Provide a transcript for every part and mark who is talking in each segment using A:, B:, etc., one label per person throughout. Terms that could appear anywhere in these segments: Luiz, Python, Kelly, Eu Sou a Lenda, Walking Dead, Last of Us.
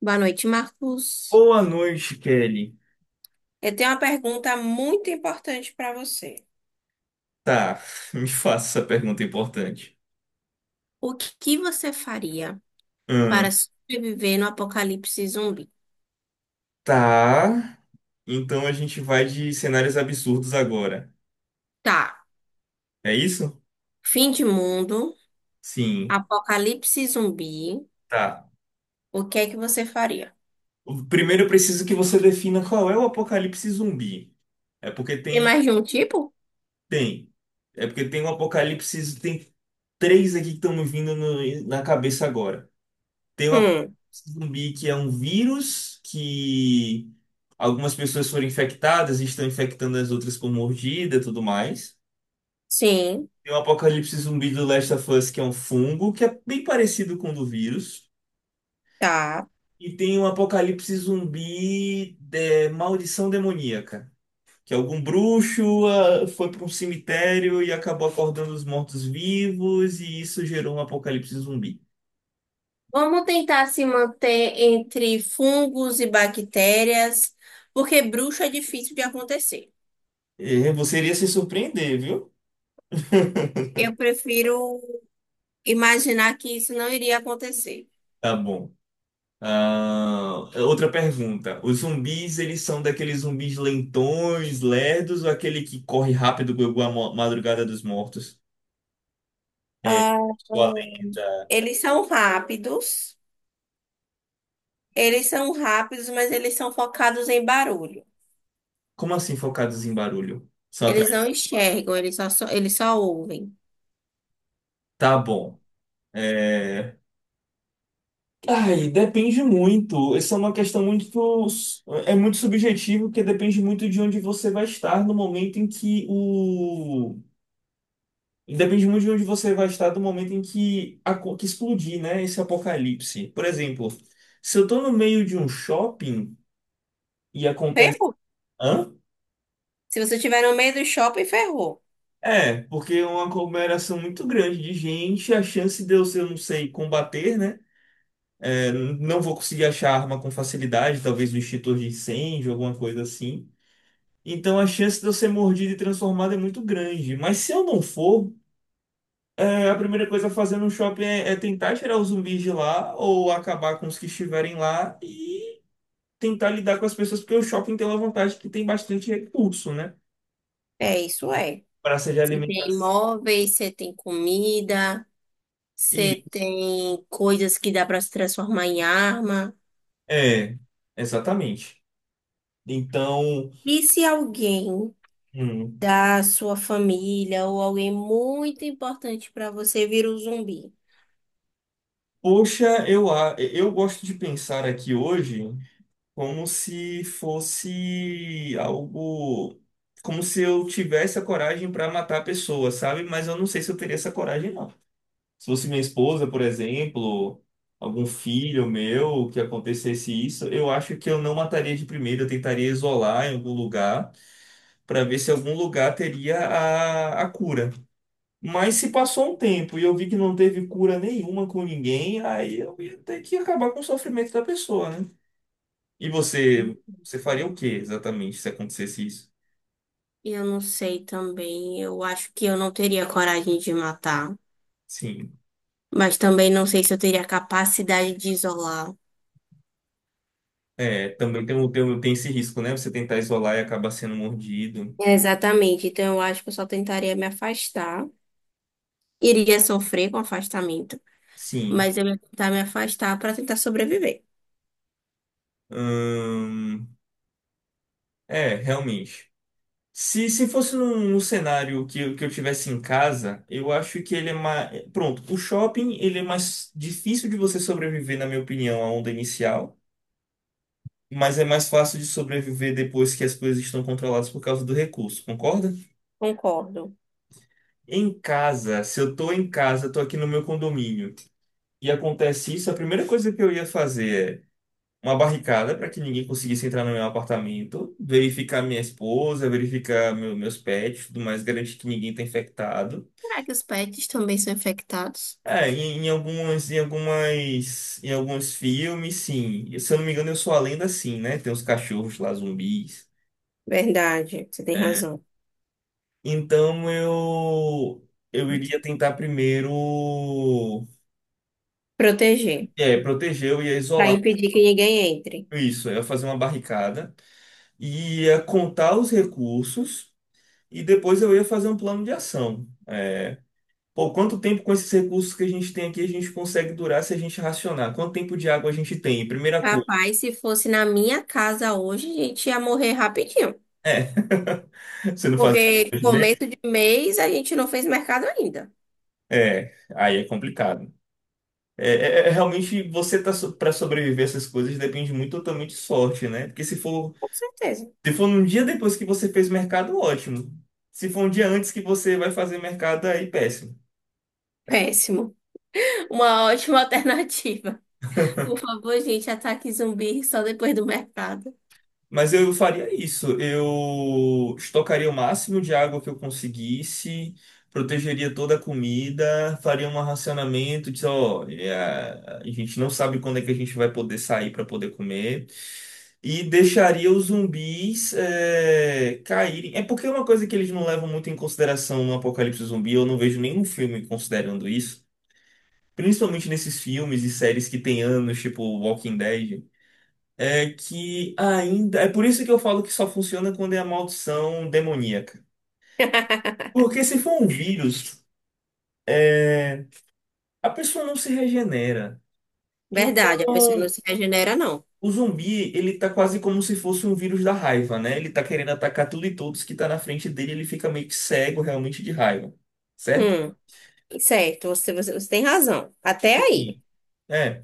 A: Boa noite, Marcos.
B: Boa noite, Kelly.
A: Eu tenho uma pergunta muito importante para você.
B: Tá, me faça essa pergunta importante.
A: O que você faria para
B: Hum,
A: sobreviver no apocalipse zumbi?
B: tá, então a gente vai de cenários absurdos agora.
A: Tá,
B: É isso?
A: fim de mundo,
B: Sim,
A: apocalipse zumbi.
B: tá.
A: O que é que você faria?
B: Primeiro eu preciso que você defina qual é o apocalipse zumbi. É porque
A: Tem
B: tem,
A: mais de um tipo?
B: tem. É porque tem um apocalipse, tem três aqui que estão me vindo na cabeça agora. Tem uma
A: Hum,
B: zumbi que é um vírus que algumas pessoas foram infectadas e estão infectando as outras com mordida e tudo mais.
A: sim,
B: Tem o apocalipse zumbi do Last of Us, que é um fungo, que é bem parecido com o do vírus.
A: tá.
B: E tem o apocalipse zumbi de maldição demoníaca, que algum bruxo foi para um cemitério e acabou acordando os mortos-vivos, e isso gerou um apocalipse zumbi.
A: Vamos tentar se manter entre fungos e bactérias, porque bruxo é difícil de acontecer.
B: Você iria se surpreender, viu?
A: Eu prefiro imaginar que isso não iria acontecer.
B: Tá bom. Ah, é outra pergunta. Os zumbis, eles são daqueles zumbis lentões, lerdos, ou aquele que corre rápido como a madrugada dos mortos? É,
A: Ah,
B: sua lenda.
A: eles são rápidos, eles são rápidos, mas eles são focados em barulho.
B: Como assim focados em barulho? Só
A: Eles não
B: atrás.
A: enxergam, eles só ouvem.
B: Tá bom. É... Ai, depende muito. Essa é uma questão muito. É muito subjetivo, porque depende muito de onde você vai estar no momento em que o Depende muito de onde você vai estar do momento em que, a que explodir, né? Esse apocalipse. Por exemplo, se eu tô no meio de um shopping e acontece.
A: Ferrou.
B: Hã?
A: Se você estiver no meio do shopping, ferrou.
B: É, porque é uma aglomeração muito grande de gente, a chance de eu, se eu não sei, combater, né? É, não vou conseguir achar arma com facilidade, talvez um extintor de incêndio, alguma coisa assim. Então a chance de eu ser mordido e transformado é muito grande. Mas se eu não for, é, a primeira coisa a fazer no shopping é tentar tirar os zumbis de lá ou acabar com os que estiverem lá e tentar lidar com as pessoas, porque o shopping tem uma vantagem que tem bastante recurso, né?
A: É, isso é.
B: Praça de
A: Você tem
B: alimentação.
A: móveis, você tem comida,
B: E
A: você tem coisas que dá para se transformar em arma.
B: é, exatamente. Então,
A: E se alguém
B: hum,
A: da sua família ou alguém muito importante para você vira um zumbi?
B: poxa, eu gosto de pensar aqui hoje como se fosse algo, como se eu tivesse a coragem para matar a pessoa, sabe? Mas eu não sei se eu teria essa coragem, não. Se fosse minha esposa, por exemplo, algum filho meu, que acontecesse isso, eu acho que eu não mataria de primeira, eu tentaria isolar em algum lugar para ver se algum lugar teria a cura. Mas se passou um tempo e eu vi que não teve cura nenhuma com ninguém, aí eu ia ter que acabar com o sofrimento da pessoa, né? E você, você faria o que exatamente se acontecesse isso?
A: Eu não sei também. Eu acho que eu não teria coragem de matar.
B: Sim.
A: Mas também não sei se eu teria capacidade de isolar.
B: É, também tem, tem, tem esse risco, né? Você tentar isolar e acabar sendo mordido.
A: É, exatamente. Então eu acho que eu só tentaria me afastar. Iria sofrer com afastamento.
B: Sim.
A: Mas eu ia tentar me afastar para tentar sobreviver.
B: Ahn, é, realmente. Se fosse num, num cenário que, que eu tivesse em casa, eu acho que ele é mais. Pronto, o shopping ele é mais difícil de você sobreviver, na minha opinião, à onda inicial, mas é mais fácil de sobreviver depois que as coisas estão controladas por causa do recurso, concorda?
A: Concordo.
B: Em casa, se eu tô em casa, tô aqui no meu condomínio, e acontece isso, a primeira coisa que eu ia fazer é uma barricada para que ninguém conseguisse entrar no meu apartamento, verificar minha esposa, verificar meus pets, tudo mais, garantir que ninguém está infectado.
A: Será que os pets também são infectados?
B: É, em alguns filmes, sim. Se eu não me engano, eu sou a lenda, sim, né? Tem uns cachorros lá, zumbis.
A: Verdade, você tem
B: É,
A: razão.
B: então eu iria tentar primeiro
A: Proteger.
B: é, proteger, eu ia
A: Para
B: isolar
A: impedir que ninguém entre.
B: isso, eu ia fazer uma barricada e ia contar os recursos. E depois eu ia fazer um plano de ação. É, pô, quanto tempo com esses recursos que a gente tem aqui a gente consegue durar se a gente racionar? Quanto tempo de água a gente tem? Primeira coisa.
A: Rapaz, se fosse na minha casa hoje, a gente ia morrer rapidinho.
B: É. Você não fazer
A: Porque
B: conta de meio?
A: começo de mês a gente não fez mercado ainda.
B: É, aí é complicado. É, é realmente você tá so, para sobreviver a essas coisas depende muito totalmente de sorte, né? Porque se for,
A: Com certeza.
B: se for num dia depois que você fez mercado, ótimo. Se for um dia antes que você vai fazer mercado, aí péssimo.
A: Péssimo. Uma ótima alternativa. Por favor, gente, ataque zumbi só depois do mercado.
B: Mas eu faria isso. Eu estocaria o máximo de água que eu conseguisse, protegeria toda a comida, faria um racionamento de, olha, a gente não sabe quando é que a gente vai poder sair para poder comer. E deixaria os zumbis é, caírem. É porque é uma coisa que eles não levam muito em consideração no Apocalipse Zumbi. Eu não vejo nenhum filme considerando isso. Principalmente nesses filmes e séries que tem anos, tipo Walking Dead. É que ainda. É por isso que eu falo que só funciona quando é a maldição demoníaca. Porque se for um vírus, é, a pessoa não se regenera.
A: Verdade, a pessoa não
B: Então,
A: se regenera, não.
B: o zumbi, ele tá quase como se fosse um vírus da raiva, né? Ele tá querendo atacar tudo e todos que tá na frente dele, ele fica meio que cego realmente de raiva. Certo?
A: Hum, certo, você tem razão. Até aí.
B: Sim. É.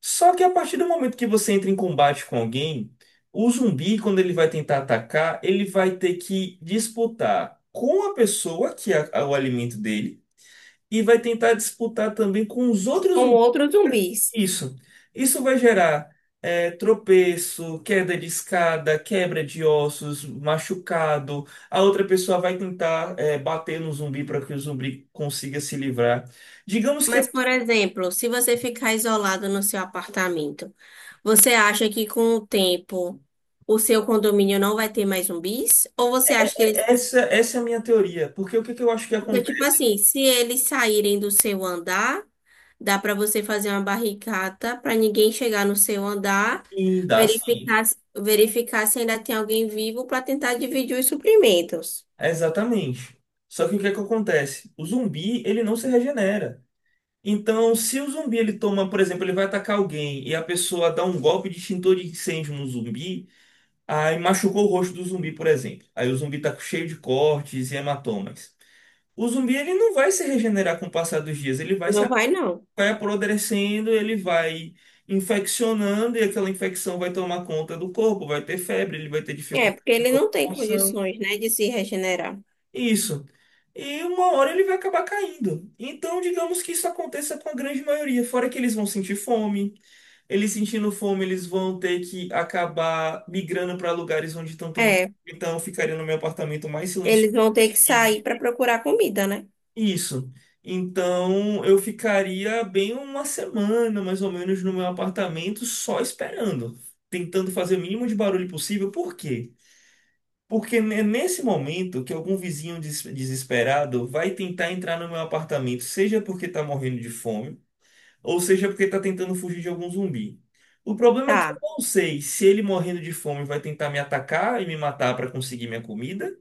B: Só que a partir do momento que você entra em combate com alguém, o zumbi, quando ele vai tentar atacar, ele vai ter que disputar com a pessoa que é o alimento dele e vai tentar disputar também com os outros
A: Com
B: zumbis.
A: outros zumbis.
B: Isso. Isso vai gerar é, tropeço, queda de escada, quebra de ossos, machucado. A outra pessoa vai tentar é, bater no zumbi para que o zumbi consiga se livrar. Digamos que
A: Mas,
B: é-
A: por exemplo, se você ficar isolado no seu apartamento, você acha que com o tempo o seu condomínio não vai ter mais zumbis? Ou você
B: é-
A: acha que eles...
B: é- é essa, essa é a minha teoria, porque o que que eu acho que
A: Porque, tipo
B: acontece?
A: assim, se eles saírem do seu andar, dá para você fazer uma barricada para ninguém chegar no seu andar,
B: Sim, dá sim.
A: verificar, verificar se ainda tem alguém vivo para tentar dividir os suprimentos.
B: Exatamente. Só que o que é que acontece? O zumbi, ele não se regenera. Então, se o zumbi ele toma, por exemplo, ele vai atacar alguém e a pessoa dá um golpe de extintor de incêndio no zumbi, aí machucou o rosto do zumbi, por exemplo. Aí o zumbi tá cheio de cortes e hematomas. O zumbi ele não vai se regenerar com o passar dos dias, ele vai se
A: Não vai, não.
B: vai apodrecendo, ele vai infeccionando e aquela infecção vai tomar conta do corpo, vai ter febre, ele vai ter
A: É,
B: dificuldade
A: porque
B: de
A: ele não tem
B: locomoção.
A: condições, né, de se regenerar.
B: Isso. E uma hora ele vai acabar caindo. Então, digamos que isso aconteça com a grande maioria. Fora que eles vão sentir fome, eles sentindo fome, eles vão ter que acabar migrando para lugares onde estão tendo.
A: É,
B: Então, eu ficaria no meu apartamento mais silencioso
A: eles vão ter que sair
B: possível.
A: para procurar comida, né?
B: Isso. Então, eu ficaria bem uma semana, mais ou menos, no meu apartamento, só esperando, tentando fazer o mínimo de barulho possível. Por quê? Porque é nesse momento que algum vizinho desesperado vai tentar entrar no meu apartamento, seja porque está morrendo de fome, ou seja porque está tentando fugir de algum zumbi. O problema é que eu
A: Tá.
B: não sei se ele morrendo de fome vai tentar me atacar e me matar para conseguir minha comida,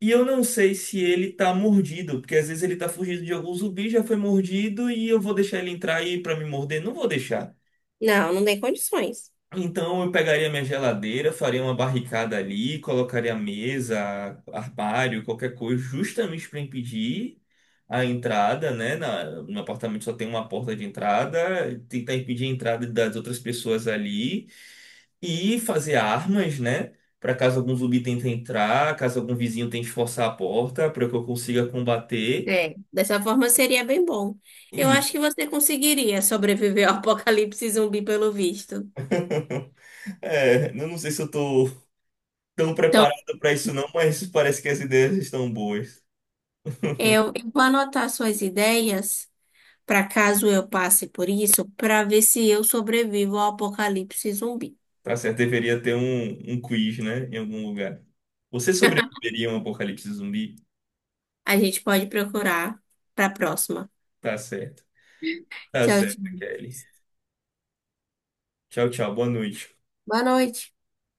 B: e eu não sei se ele está mordido, porque às vezes ele está fugindo de algum zumbi, já foi mordido e eu vou deixar ele entrar aí para me morder? Não vou deixar.
A: Não, não tem condições.
B: Então eu pegaria minha geladeira, faria uma barricada ali, colocaria mesa, armário, qualquer coisa, justamente para impedir a entrada, né? No apartamento só tem uma porta de entrada, tentar impedir a entrada das outras pessoas ali e fazer armas, né? Para caso algum zumbi tente entrar, caso algum vizinho tente forçar a porta, para que eu consiga combater.
A: É, dessa forma seria bem bom. Eu
B: E
A: acho que você conseguiria sobreviver ao apocalipse zumbi, pelo visto.
B: é, eu não sei se eu tô tão
A: Então,
B: preparado para isso não, mas parece que as ideias estão boas.
A: eu vou anotar suas ideias para caso eu passe por isso, para ver se eu sobrevivo ao apocalipse zumbi.
B: Tá certo, deveria ter um quiz, né? Em algum lugar. Você sobreviveria a um apocalipse zumbi?
A: A gente pode procurar para a próxima.
B: Tá certo. Tá
A: Tchau,
B: certo,
A: tchau.
B: Kelly. Tchau, tchau. Boa noite.
A: Boa noite.